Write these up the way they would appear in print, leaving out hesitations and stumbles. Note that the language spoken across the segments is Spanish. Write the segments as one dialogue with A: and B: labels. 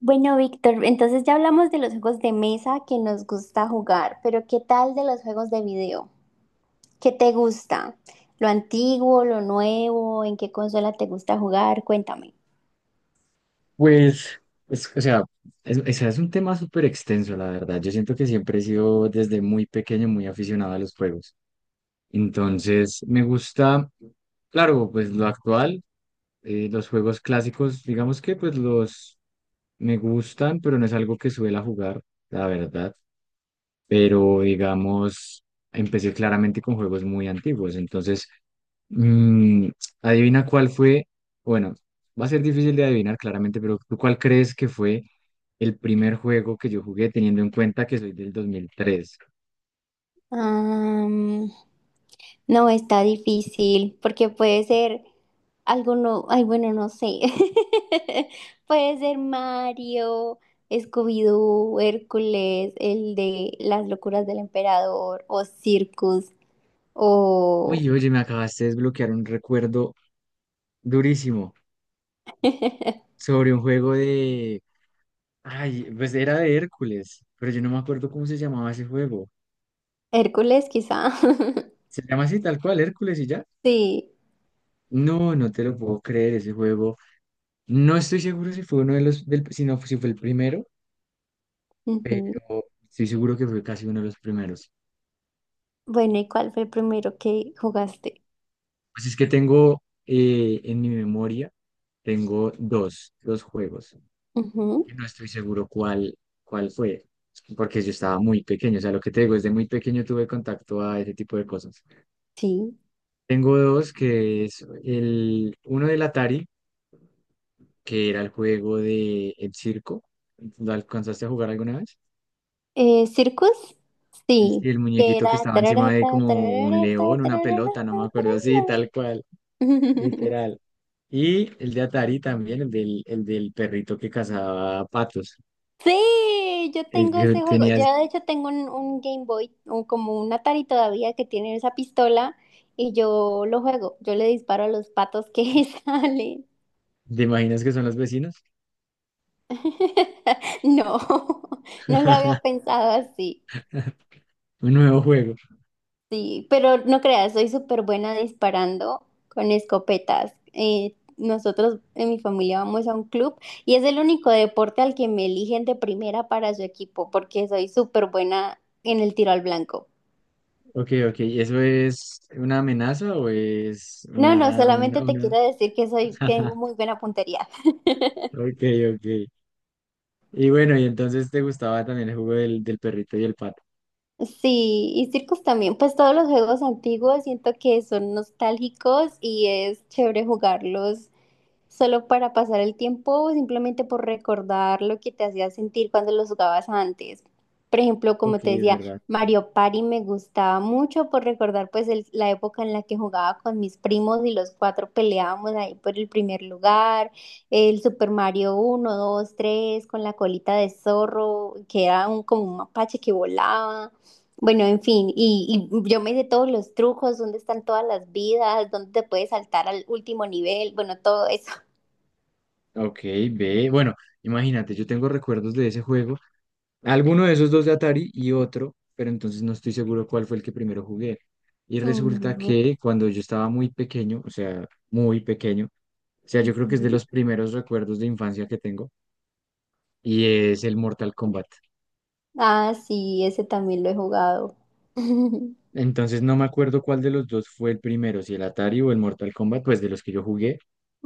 A: Bueno, Víctor, entonces ya hablamos de los juegos de mesa que nos gusta jugar, pero ¿qué tal de los juegos de video? ¿Qué te gusta? ¿Lo antiguo, lo nuevo? ¿En qué consola te gusta jugar? Cuéntame.
B: Pues, es- o sea, es un tema súper extenso, la verdad. Yo siento que siempre he sido desde muy pequeño muy aficionado a los juegos. Entonces, me gusta, claro, pues lo actual, los juegos clásicos, digamos que pues los me gustan, pero no es algo que suela jugar, la verdad. Pero, digamos, empecé claramente con juegos muy antiguos. Entonces, Mm, adivina cuál fue, bueno, va a ser difícil de adivinar claramente, pero ¿tú cuál crees que fue el primer juego que yo jugué teniendo en cuenta que soy del 2003?
A: Am, no, está difícil porque puede ser alguno, ay, bueno, no sé. Puede ser Mario, Scooby-Doo, Hércules, el de Las locuras del emperador o Circus o...
B: Uy, oye, me acabaste de desbloquear un recuerdo durísimo sobre un juego de... Ay, pues era de Hércules, pero yo no me acuerdo cómo se llamaba ese juego.
A: Hércules, quizá.
B: ¿Se llama así tal cual, Hércules y ya?
A: Sí.
B: No, no te lo puedo creer, ese juego. No estoy seguro si fue uno de los, del, si no, si fue el primero,
A: Ujú.
B: pero estoy seguro que fue casi uno de los primeros.
A: Bueno, ¿y cuál fue el primero que jugaste?
B: Pues es que tengo en mi memoria, tengo dos juegos,
A: Ujú.
B: que no estoy seguro cuál fue, porque yo estaba muy pequeño, o sea, lo que te digo, desde muy pequeño tuve contacto a ese tipo de cosas.
A: Sí.
B: Tengo dos, que es el, uno del Atari, que era el juego de El Circo. ¿Lo alcanzaste a jugar alguna vez?
A: ¿Circus?
B: El,
A: Sí.
B: sí, el
A: Que
B: muñequito que
A: era
B: estaba encima de
A: tararata,
B: como un
A: tararata,
B: león, una
A: tararata,
B: pelota, no me
A: tarara.
B: acuerdo, sí, tal cual. Literal. Y el de Atari también, el del perrito que cazaba patos.
A: Sí, yo
B: El
A: tengo
B: que
A: ese juego.
B: tenías,
A: Yo de hecho tengo un Game Boy, o como un Atari todavía que tiene esa pistola y yo lo juego. Yo le disparo a los patos que salen.
B: ¿te imaginas que son los vecinos?
A: No, no lo había pensado así.
B: Un nuevo juego.
A: Sí, pero no creas, soy súper buena disparando con escopetas. Nosotros en mi familia vamos a un club y es el único deporte al que me eligen de primera para su equipo porque soy súper buena en el tiro al blanco.
B: Ok, ok. ¿Y eso es una amenaza o es
A: No, no,
B: una,
A: solamente
B: una,
A: te
B: una?
A: quiero decir que soy, tengo muy buena puntería.
B: Ok, ok. Y bueno, y entonces te gustaba también el juego del perrito y el pato.
A: Sí, y circos también, pues todos los juegos antiguos siento que son nostálgicos y es chévere jugarlos. ¿Solo para pasar el tiempo o simplemente por recordar lo que te hacía sentir cuando los jugabas antes? Por ejemplo, como
B: Ok,
A: te
B: es
A: decía,
B: verdad.
A: Mario Party me gustaba mucho por recordar pues la época en la que jugaba con mis primos y los cuatro peleábamos ahí por el primer lugar, el Super Mario 1, 2, 3 con la colita de zorro, que era un, como un mapache que volaba. Bueno, en fin, y yo me sé todos los trucos, dónde están todas las vidas, dónde te puedes saltar al último nivel, bueno, todo eso.
B: Ok, ve. Bueno, imagínate, yo tengo recuerdos de ese juego. Alguno de esos dos de Atari y otro, pero entonces no estoy seguro cuál fue el que primero jugué. Y resulta
A: Mm.
B: que cuando yo estaba muy pequeño, o sea, muy pequeño, o sea, yo creo que es de
A: Ujú.
B: los primeros recuerdos de infancia que tengo, y es el Mortal Kombat.
A: Ah, sí, ese también lo he jugado.
B: Entonces no me acuerdo cuál de los dos fue el primero, si el Atari o el Mortal Kombat, pues de los que yo jugué.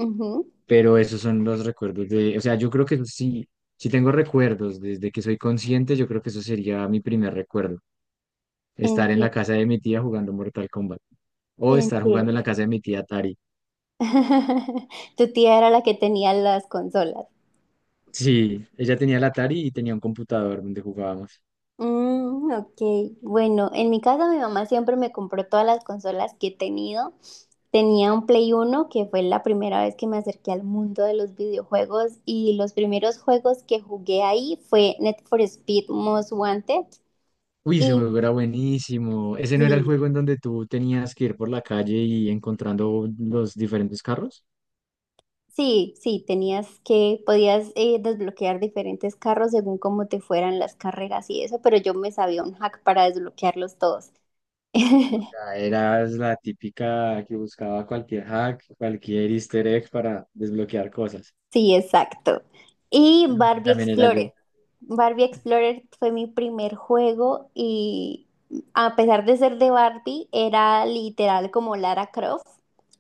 A: Ujú.
B: Pero esos son los recuerdos de, o sea, yo creo que eso sí, sí tengo recuerdos desde que soy consciente, yo creo que eso sería mi primer recuerdo, estar en la
A: Entiendo,
B: casa de mi tía jugando Mortal Kombat o estar jugando en la
A: entiendo.
B: casa de mi tía Atari.
A: Tu tía era la que tenía las consolas.
B: Sí, ella tenía la Atari y tenía un computador donde jugábamos.
A: Mm, ok, bueno, en mi casa mi mamá siempre me compró todas las consolas que he tenido. Tenía un Play uno que fue la primera vez que me acerqué al mundo de los videojuegos y los primeros juegos que jugué ahí fue Need for Speed Most Wanted
B: Uy, ese
A: y
B: juego era buenísimo. ¿Ese no era el
A: sí.
B: juego en donde tú tenías que ir por la calle y encontrando los diferentes carros?
A: Sí, sí, tenías que, podías desbloquear diferentes carros según cómo te fueran las carreras y eso, pero yo me sabía un hack para desbloquearlos todos.
B: Ya eras la típica que buscaba cualquier hack, cualquier easter egg para desbloquear cosas.
A: Sí, exacto. Y
B: Así
A: Barbie
B: también era yo.
A: Explorer. Barbie Explorer fue mi primer juego y a pesar de ser de Barbie, era literal como Lara Croft,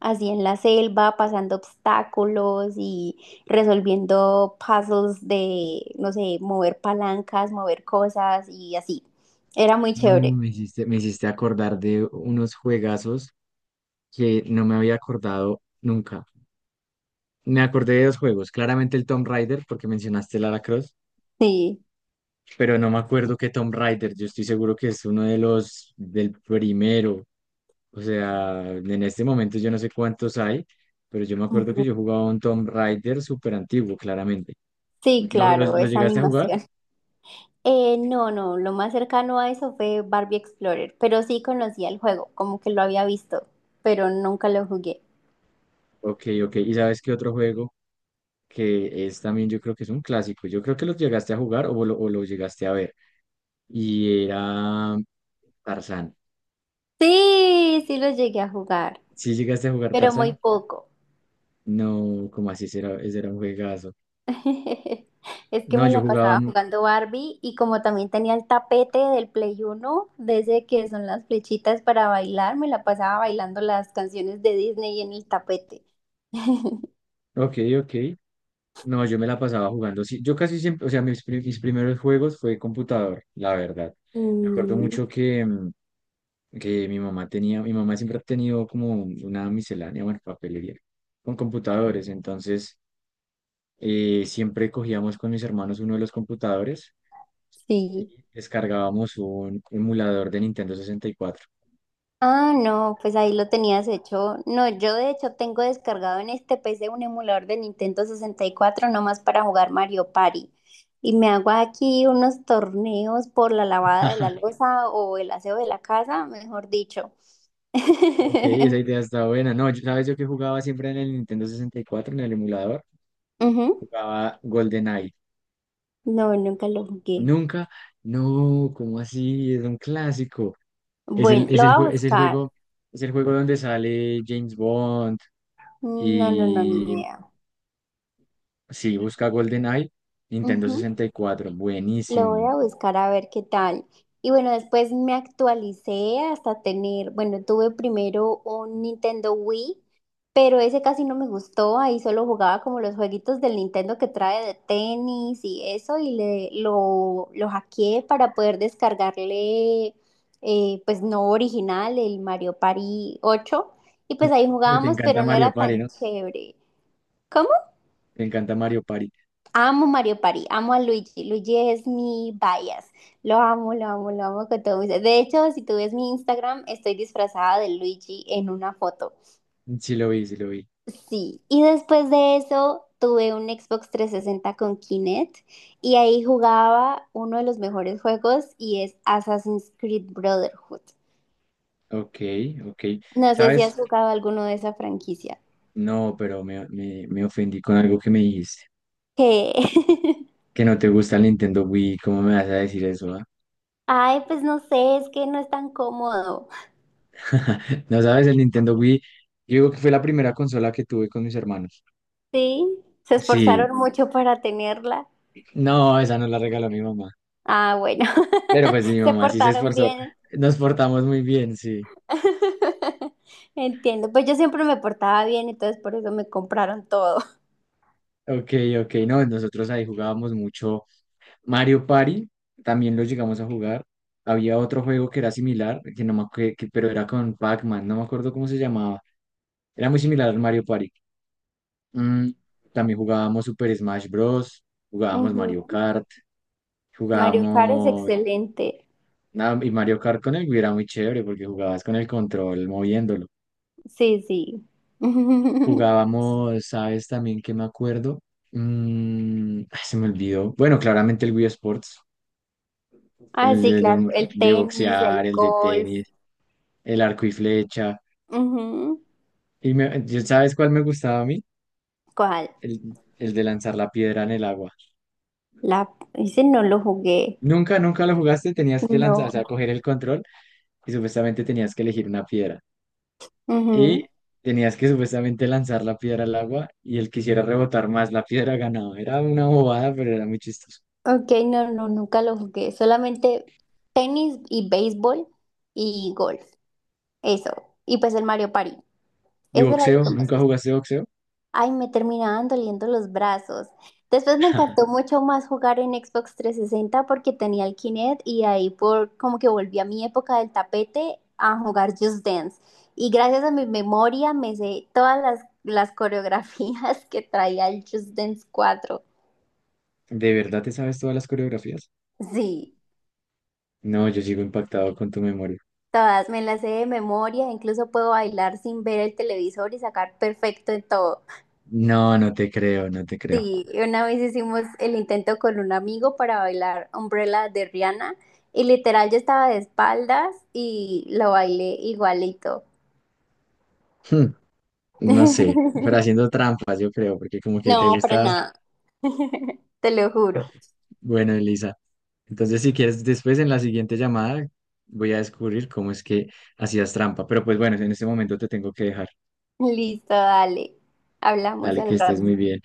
A: así en la selva, pasando obstáculos y resolviendo puzzles de, no sé, mover palancas, mover cosas y así. Era muy
B: No,
A: chévere.
B: me hiciste acordar de unos juegazos que no me había acordado nunca. Me acordé de dos juegos, claramente el Tomb Raider, porque mencionaste Lara Croft,
A: Sí.
B: pero no me acuerdo qué Tomb Raider, yo estoy seguro que es uno de los del primero. O sea, en este momento yo no sé cuántos hay, pero yo me acuerdo que
A: Ujú.
B: yo jugaba un Tomb Raider súper antiguo, claramente.
A: Sí,
B: ¿Lo, lo,
A: claro,
B: lo
A: esa
B: llegaste a jugar?
A: animación. No, no, lo más cercano a eso fue Barbie Explorer, pero sí conocía el juego, como que lo había visto, pero nunca lo jugué.
B: Ok, ok. ¿Y sabes qué otro juego que es también, yo creo que es un clásico? Yo creo que lo llegaste a jugar o lo llegaste a ver. Y era Tarzán.
A: Sí, sí lo llegué a jugar,
B: Si llegaste a jugar
A: pero muy
B: Tarzán?
A: poco.
B: No, como así? Ese era un juegazo.
A: Es que
B: No,
A: me
B: yo
A: la
B: jugaba...
A: pasaba jugando Barbie y como también tenía el tapete del Play Uno, desde que son las flechitas para bailar, me la pasaba bailando las canciones de Disney en el tapete.
B: Ok, ok. No, yo me la pasaba jugando. Sí, yo casi siempre, o sea, mis primeros juegos fue computador, la verdad. Me acuerdo
A: Mm,
B: mucho que, que mi mamá tenía, mi mamá siempre ha tenido como una miscelánea, bueno, papelería, con computadores. Entonces, siempre cogíamos con mis hermanos uno de los computadores
A: sí.
B: y descargábamos un emulador de Nintendo sesenta y cuatro.
A: Ah, no, pues ahí lo tenías hecho. No, yo de hecho tengo descargado en este PC un emulador de Nintendo 64 nomás para jugar Mario Party. Y me hago aquí unos torneos por la lavada de la loza o el aseo de la casa, mejor dicho.
B: Ok, esa idea está buena. No, yo, ¿sabes yo que jugaba siempre en el Nintendo 64, en el emulador?
A: Ujú.
B: Jugaba GoldenEye.
A: No, nunca lo jugué.
B: Nunca, no, ¿cómo así? Es un clásico. Es
A: Bueno,
B: el, es
A: lo voy
B: el,
A: a
B: jue- es el
A: buscar.
B: juego, es el juego donde sale James Bond
A: No, no, no, ni
B: y
A: idea.
B: sí, busca GoldenEye, Nintendo 64,
A: Lo voy
B: buenísimo.
A: a buscar a ver qué tal. Y bueno, después me actualicé hasta tener, bueno, tuve primero un Nintendo Wii, pero ese casi no me gustó. Ahí solo jugaba como los jueguitos del Nintendo que trae de tenis y eso, y lo hackeé para poder descargarle, pues no original, el Mario Party 8. Y pues ahí
B: Pero te
A: jugábamos,
B: encanta
A: pero no
B: Mario
A: era
B: Party,
A: tan
B: ¿no?
A: chévere.
B: Te encanta Mario Party.
A: Amo Mario Party, amo a Luigi. Luigi es mi bias. Lo amo, lo amo, lo amo con todo mi ser. De hecho, si tú ves mi Instagram, estoy disfrazada de Luigi en una foto.
B: Sí lo vi, sí lo vi.
A: Sí. Y después de eso, tuve un Xbox 360 con Kinect y ahí jugaba uno de los mejores juegos y es Assassin's Creed Brotherhood.
B: Ok, ok.
A: No sé si has
B: ¿Sabes?
A: jugado alguno de esa franquicia.
B: No, pero me ofendí con algo que me dijiste.
A: ¿Qué?
B: Que no te gusta el Nintendo Wii, ¿cómo me vas a decir eso? ¿Ah?
A: Ay, pues no sé, es que no es tan cómodo.
B: No sabes, el Nintendo Wii, yo digo que fue la primera consola que tuve con mis hermanos.
A: Sí, se
B: Sí,
A: esforzaron mucho para tenerla.
B: no, esa no la regaló mi mamá.
A: Ah, bueno,
B: Pero pues mi
A: se
B: mamá sí se
A: portaron
B: esforzó.
A: bien.
B: Nos portamos muy bien, sí.
A: Entiendo, pues yo siempre me portaba bien, entonces por eso me compraron todo.
B: Ok, ok, no, nosotros ahí jugábamos mucho Mario Party, también lo llegamos a jugar. Había otro juego que era similar, que no me acuerdo, pero era con Pac-Man, no me acuerdo cómo se llamaba. Era muy similar al Mario Party. Mm, también jugábamos Super Smash Bros. Jugábamos Mario
A: Ujú.
B: Kart.
A: Mario Kart es
B: Jugábamos.
A: excelente.
B: Nada, y Mario Kart con el era muy chévere porque jugabas con el control moviéndolo.
A: Sí, sí.
B: Jugábamos, ¿sabes también que me acuerdo? Mm, ay, se me olvidó. Bueno, claramente el Wii Sports,
A: Ah,
B: el
A: sí,
B: de,
A: claro,
B: de-
A: el
B: de
A: tenis, el
B: boxear, el de
A: golf.
B: tenis, el arco y flecha.
A: Ujú.
B: Y me- ¿y ¿sabes cuál me gustaba a mí?
A: ¿Cuál?
B: El de lanzar la piedra en el agua.
A: La... Ese no lo jugué.
B: Nunca, nunca lo jugaste, tenías que lanzar,
A: No.
B: o sea, coger el control y supuestamente tenías que elegir una piedra.
A: Ujú.
B: Y tenías que supuestamente lanzar la piedra al agua y el que quisiera rebotar más la piedra ganaba. Era una bobada, pero era muy chistoso.
A: Ok, no, no, nunca lo jugué. Solamente tenis y béisbol y golf. Eso. Y pues el Mario Party.
B: ¿Y
A: Eso era lo
B: boxeo?
A: que más
B: ¿Nunca
A: gustaba.
B: jugaste boxeo?
A: Ay, me terminaban doliendo los brazos. Después me encantó mucho más jugar en Xbox 360 porque tenía el Kinect y ahí por como que volví a mi época del tapete a jugar Just Dance. Y gracias a mi memoria me sé todas las coreografías que traía el Just Dance 4.
B: ¿De verdad te sabes todas las coreografías?
A: Sí,
B: No, yo sigo impactado con tu memoria.
A: todas me las sé de memoria, incluso puedo bailar sin ver el televisor y sacar perfecto en todo.
B: No, no te creo, no te creo.
A: Sí, una vez hicimos el intento con un amigo para bailar Umbrella de Rihanna y literal yo estaba de espaldas y lo bailé igualito.
B: Hmm, no sé, pero haciendo trampas, yo creo, porque como que te
A: No, para
B: gusta.
A: nada, te lo juro.
B: Bueno, Elisa, entonces si quieres, después en la siguiente llamada voy a descubrir cómo es que hacías trampa. Pero pues bueno, en este momento te tengo que dejar.
A: Listo, dale. Hablamos
B: Dale,
A: al
B: que estés muy
A: rato.
B: bien.